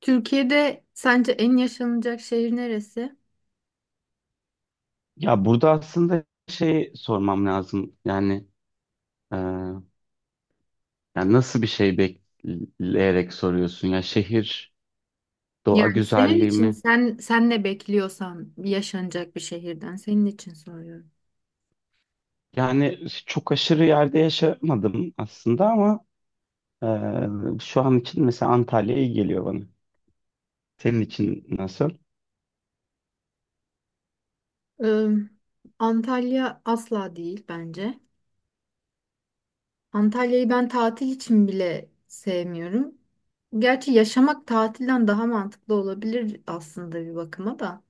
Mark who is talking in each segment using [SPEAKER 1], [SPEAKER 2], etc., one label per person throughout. [SPEAKER 1] Türkiye'de sence en yaşanacak şehir neresi?
[SPEAKER 2] Ya burada aslında şey sormam lazım. E, yani nasıl bir şey bekleyerek soruyorsun? Ya şehir, doğa
[SPEAKER 1] Yani senin
[SPEAKER 2] güzelliği
[SPEAKER 1] için
[SPEAKER 2] mi?
[SPEAKER 1] sen ne bekliyorsan yaşanacak bir şehirden senin için soruyorum.
[SPEAKER 2] Yani çok aşırı yerde yaşamadım aslında ama şu an için mesela Antalya iyi geliyor bana. Senin için nasıl?
[SPEAKER 1] Ee, Antalya asla değil bence. Antalya'yı ben tatil için bile sevmiyorum. Gerçi yaşamak tatilden daha mantıklı olabilir aslında bir bakıma da.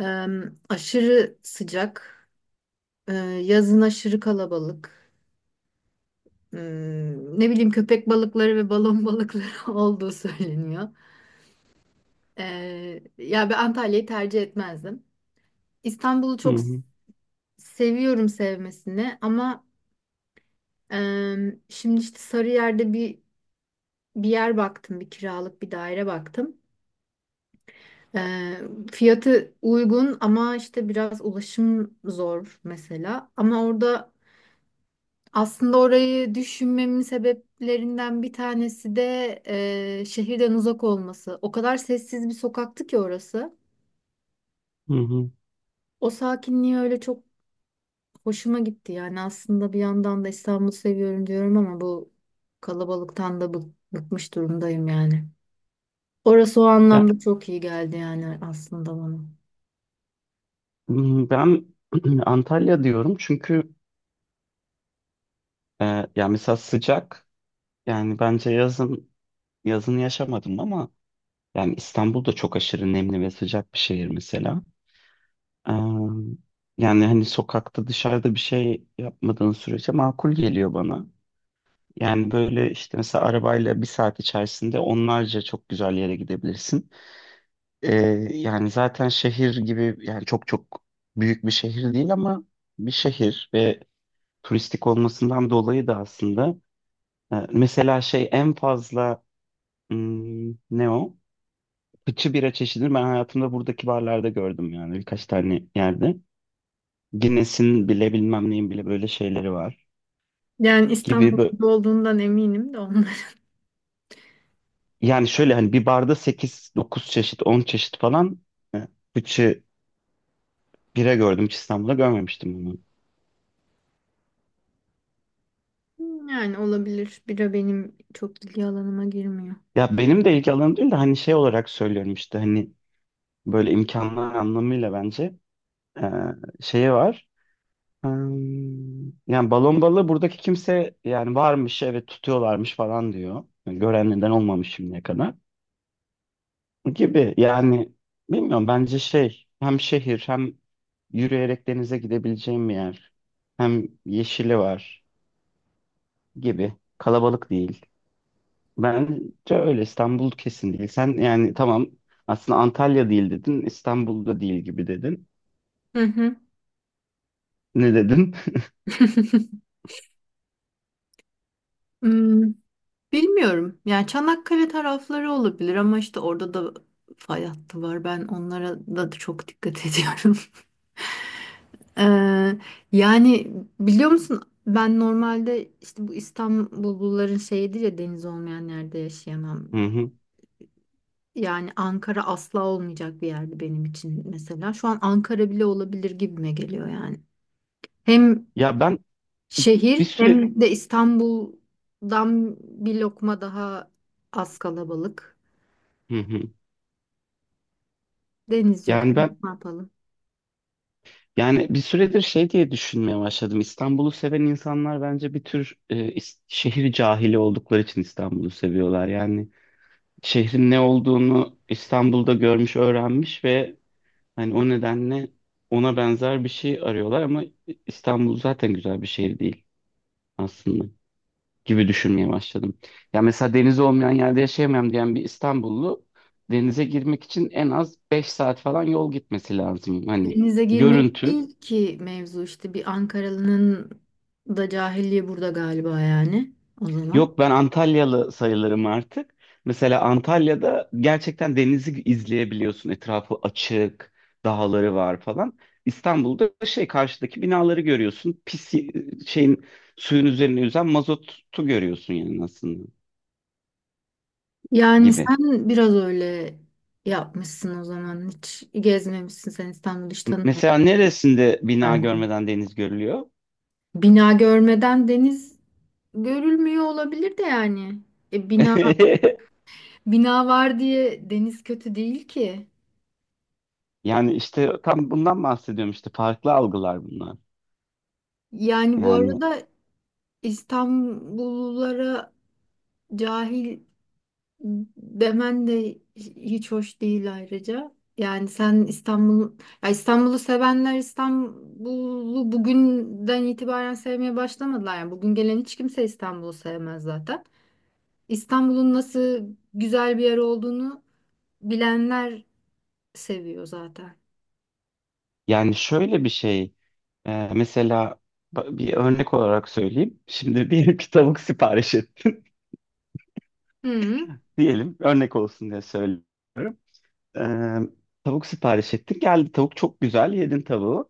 [SPEAKER 1] Ee, aşırı sıcak, ee, yazın aşırı kalabalık. Hmm, ne bileyim köpek balıkları ve balon balıkları olduğu söyleniyor. Ya ben Antalya'yı tercih etmezdim. İstanbul'u
[SPEAKER 2] Hı
[SPEAKER 1] çok s-
[SPEAKER 2] hı,
[SPEAKER 1] seviyorum sevmesini ama şimdi işte Sarıyer'de bir yer baktım, bir kiralık bir daire baktım. Ee, fiyatı uygun ama işte biraz ulaşım zor mesela. Ama orada aslında orayı düşünmemin sebeplerinden bir tanesi de şehirden uzak olması. O kadar sessiz bir sokaktı ki orası.
[SPEAKER 2] hı hı.
[SPEAKER 1] O sakinliği öyle çok hoşuma gitti. Yani aslında bir yandan da İstanbul'u seviyorum diyorum ama bu bıkmış durumdayım yani. Orası o
[SPEAKER 2] Ya
[SPEAKER 1] anlamda çok iyi geldi yani aslında bana.
[SPEAKER 2] ben Antalya diyorum çünkü e, ya mesela sıcak. Yani bence yazını yaşamadım ama. Yani İstanbul da çok aşırı nemli ve sıcak bir şehir mesela. Ee, yani hani sokakta dışarıda bir şey yapmadığın sürece makul geliyor bana. Yani böyle işte mesela arabayla bir saat içerisinde onlarca çok güzel yere gidebilirsin. Ee, yani zaten şehir gibi yani çok çok büyük bir şehir değil ama bir şehir ve turistik olmasından dolayı da aslında mesela şey en fazla hmm, ne o? Fıçı bira çeşidini ben hayatımda buradaki barlarda gördüm yani birkaç tane yerde. Guinness'in bile bilmem neyin bile böyle şeyleri var
[SPEAKER 1] Yani
[SPEAKER 2] gibi
[SPEAKER 1] İstanbul'da olduğundan eminim de ondan.
[SPEAKER 2] yani şöyle hani bir barda sekiz dokuz çeşit 10 çeşit falan e, fıçı bira gördüm hiç İstanbul'da görmemiştim bunu.
[SPEAKER 1] Yani olabilir. Bira benim çok ilgi alanıma girmiyor.
[SPEAKER 2] Ya benim de ilgi alanım değil de hani şey olarak söylüyorum işte hani böyle imkanlar anlamıyla bence e, şeyi var. Hmm, yani balon balığı buradaki kimse yani varmış, evet, tutuyorlarmış falan diyor. Yani gören neden olmamış şimdiye kadar. Gibi yani bilmiyorum bence şey hem şehir hem yürüyerek denize gidebileceğim bir yer hem yeşili var gibi, kalabalık değil. Bence öyle İstanbul kesin değil. Sen yani tamam aslında Antalya değil dedin, İstanbul'da değil gibi dedin.
[SPEAKER 1] Hı hı.
[SPEAKER 2] Ne dedin?
[SPEAKER 1] Hmm. Bilmiyorum. Yani Çanakkale tarafları olabilir ama işte orada da fay hattı var. Ben onlara da çok dikkat ediyorum. Ee, yani biliyor musun ben normalde işte bu İstanbulluların şeyidir ya deniz olmayan yerde yaşayamam.
[SPEAKER 2] Hı hı.
[SPEAKER 1] Yani Ankara asla olmayacak bir yerdi benim için mesela. Şu an Ankara bile olabilir gibime geliyor yani. Hem
[SPEAKER 2] Ya ben bir
[SPEAKER 1] şehir
[SPEAKER 2] süre,
[SPEAKER 1] hem de İstanbul'dan bir lokma daha az kalabalık.
[SPEAKER 2] hı hı.
[SPEAKER 1] Deniz yok.
[SPEAKER 2] Yani
[SPEAKER 1] Ne yapalım?
[SPEAKER 2] yani bir süredir şey diye düşünmeye başladım. İstanbul'u seven insanlar bence bir tür şehir cahili oldukları için İstanbul'u seviyorlar. Yani şehrin ne olduğunu İstanbul'da görmüş, öğrenmiş ve hani o nedenle ona benzer bir şey arıyorlar ama İstanbul zaten güzel bir şehir değil aslında gibi düşünmeye başladım. Ya mesela denizi olmayan yerde yaşayamam diyen bir İstanbullu denize girmek için en az 5 saat falan yol gitmesi lazım. Hani
[SPEAKER 1] Denize girmek
[SPEAKER 2] görüntü.
[SPEAKER 1] değil ki mevzu, işte bir Ankaralı'nın da cahilliği burada galiba yani o zaman.
[SPEAKER 2] Yok, ben Antalyalı sayılırım artık. Mesela Antalya'da gerçekten denizi izleyebiliyorsun. Etrafı açık, dağları var falan. İstanbul'da şey karşıdaki binaları görüyorsun. Şeyin suyun üzerine yüzen mazotu görüyorsun yani aslında
[SPEAKER 1] Yani
[SPEAKER 2] gibi.
[SPEAKER 1] sen biraz öyle yapmışsın o zaman. Hiç gezmemişsin sen, İstanbul'u hiç tanımıyorsun
[SPEAKER 2] Mesela neresinde bina
[SPEAKER 1] belki.
[SPEAKER 2] görmeden deniz görülüyor?
[SPEAKER 1] Bina görmeden deniz görülmüyor olabilir de yani. E, bina bina var diye deniz kötü değil ki.
[SPEAKER 2] Yani işte tam bundan bahsediyorum, işte farklı algılar bunlar.
[SPEAKER 1] Yani bu
[SPEAKER 2] Yani
[SPEAKER 1] arada İstanbullulara cahil demen de hiç hoş değil ayrıca. Yani sen İstanbul, ya İstanbul'u sevenler İstanbul'u bugünden itibaren sevmeye başlamadılar. Yani bugün gelen hiç kimse İstanbul'u sevmez zaten. İstanbul'un nasıl güzel bir yer olduğunu bilenler seviyor zaten.
[SPEAKER 2] yani şöyle bir şey. Mesela bir örnek olarak söyleyeyim. Şimdi diyelim ki tavuk sipariş ettin.
[SPEAKER 1] Hı.
[SPEAKER 2] Diyelim örnek olsun diye söylüyorum. Ee, tavuk sipariş ettin. Geldi, tavuk çok güzel. Yedin tavuğu.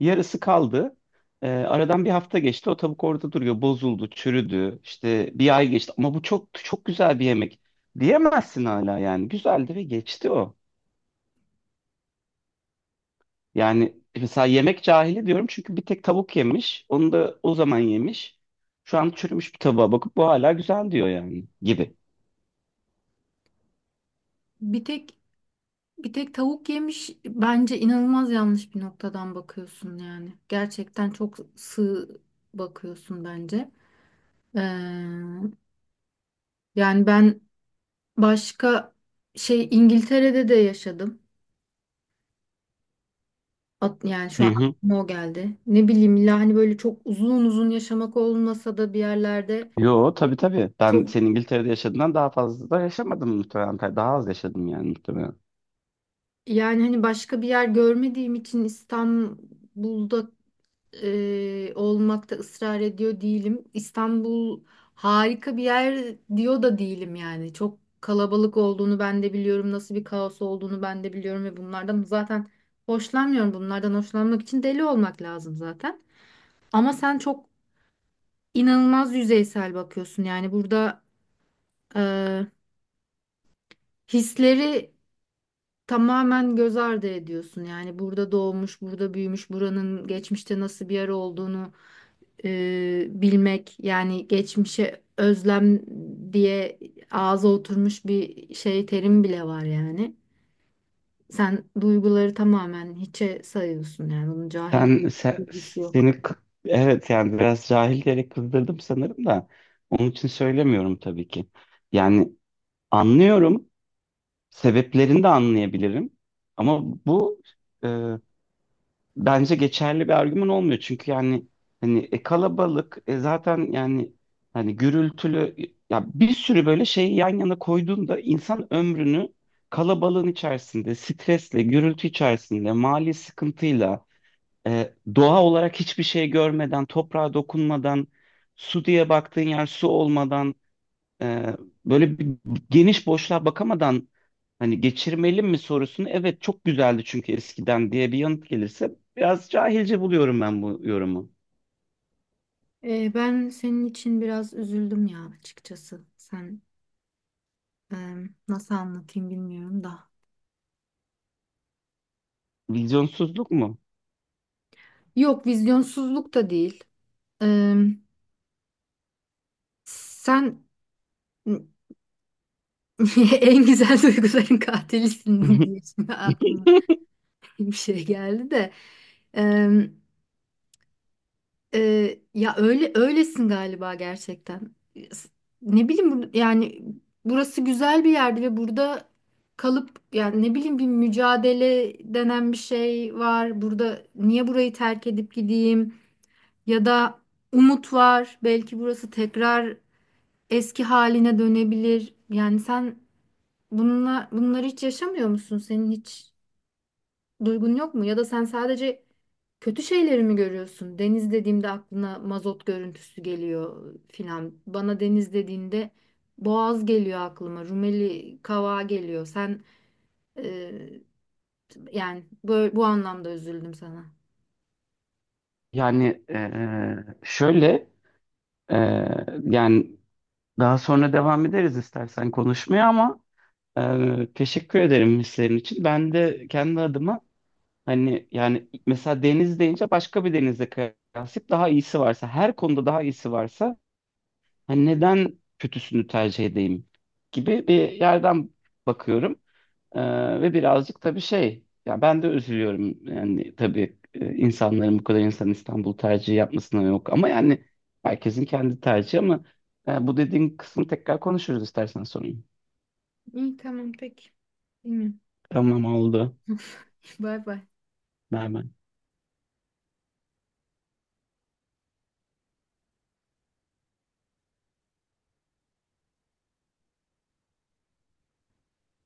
[SPEAKER 2] Yarısı kaldı. Aradan bir hafta geçti. O tavuk orada duruyor. Bozuldu, çürüdü. İşte bir ay geçti. Ama bu çok çok güzel bir yemek. Diyemezsin hala yani. Güzeldi ve geçti o. Yani mesela yemek cahili diyorum çünkü bir tek tavuk yemiş. Onu da o zaman yemiş. Şu an çürümüş bir tavuğa bakıp bu hala güzel diyor yani gibi.
[SPEAKER 1] Bir tek bir tek tavuk yemiş bence, inanılmaz yanlış bir noktadan bakıyorsun yani. Gerçekten çok sığ bakıyorsun bence. Ee, Yani ben başka şey İngiltere'de de yaşadım. Yani şu
[SPEAKER 2] Hı
[SPEAKER 1] an
[SPEAKER 2] hı.
[SPEAKER 1] aklıma o geldi. Ne bileyim, illa hani böyle çok uzun uzun yaşamak olmasa da bir yerlerde
[SPEAKER 2] Yo, tabii tabii. Ben
[SPEAKER 1] çok,
[SPEAKER 2] senin İngiltere'de yaşadığından daha fazla da yaşamadım muhtemelen. Daha az yaşadım yani muhtemelen.
[SPEAKER 1] yani hani başka bir yer görmediğim için İstanbul'da olmakta ısrar ediyor değilim. İstanbul harika bir yer diyor da değilim yani. Çok kalabalık olduğunu ben de biliyorum. Nasıl bir kaos olduğunu ben de biliyorum ve bunlardan zaten hoşlanmıyorum. Bunlardan hoşlanmak için deli olmak lazım zaten. Ama sen çok inanılmaz yüzeysel bakıyorsun. Yani burada e, hisleri tamamen göz ardı ediyorsun. Yani burada doğmuş, burada büyümüş, buranın geçmişte nasıl bir yer olduğunu bilmek, yani geçmişe özlem diye ağza oturmuş bir şey, terim bile var yani. Sen duyguları tamamen hiçe sayıyorsun yani, bunun cahillik
[SPEAKER 2] Sen, se-
[SPEAKER 1] bilgisi yok.
[SPEAKER 2] seni kı- evet yani biraz cahil diyerek kızdırdım sanırım da onun için söylemiyorum tabii ki. Yani anlıyorum. Sebeplerini de anlayabilirim. Ama bu bence geçerli bir argüman olmuyor. Çünkü yani hani kalabalık, zaten yani hani gürültülü, ya bir sürü böyle şeyi yan yana koyduğunda insan ömrünü kalabalığın içerisinde, stresle, gürültü içerisinde, mali sıkıntıyla, doğa olarak hiçbir şey görmeden, toprağa dokunmadan, su diye baktığın yer su olmadan, ee, böyle bir geniş boşluğa bakamadan hani geçirmeli mi sorusunu evet çok güzeldi çünkü eskiden diye bir yanıt gelirse biraz cahilce buluyorum ben bu yorumu.
[SPEAKER 1] Ben senin için biraz üzüldüm ya açıkçası. Sen e, nasıl anlatayım bilmiyorum da.
[SPEAKER 2] Vizyonsuzluk mu?
[SPEAKER 1] Yok, vizyonsuzluk da değil. E, sen en güzel duyguların katilisin diye şimdi aklıma bir şey geldi de. Em, ya öyle öylesin galiba gerçekten. S- Ne bileyim yani burası güzel bir yerdi ve burada kalıp, yani ne bileyim bir mücadele denen bir şey var. Burada niye burayı terk edip gideyim, ya da umut var. Belki burası tekrar eski haline dönebilir. Yani sen bununla bunları hiç yaşamıyor musun? Senin hiç duygun yok mu? Ya da sen sadece kötü şeyleri mi görüyorsun? Deniz dediğimde aklına mazot görüntüsü geliyor filan. Bana deniz dediğinde boğaz geliyor aklıma. Rumeli Kavağı geliyor. Sen e, yani böyle, bu anlamda üzüldüm sana.
[SPEAKER 2] Yani şöyle eee, yani daha sonra devam ederiz istersen konuşmaya ama teşekkür ederim hislerin için. Ben de kendi adıma hani yani mesela deniz deyince başka bir denizle kıyaslayıp daha iyisi varsa, her konuda daha iyisi varsa, hani neden kötüsünü tercih edeyim gibi bir yerden bakıyorum. Ve birazcık tabii şey, ya ben de üzülüyorum. Yani tabii insanların bu kadar insan İstanbul tercihi yapmasına, yok. Ama yani herkesin kendi tercihi ama bu dediğin kısmı tekrar konuşuruz istersen sonra.
[SPEAKER 1] İyi, tamam, peki. Bilmiyorum.
[SPEAKER 2] Tamam, oldu.
[SPEAKER 1] Bay bay.
[SPEAKER 2] Merhaba.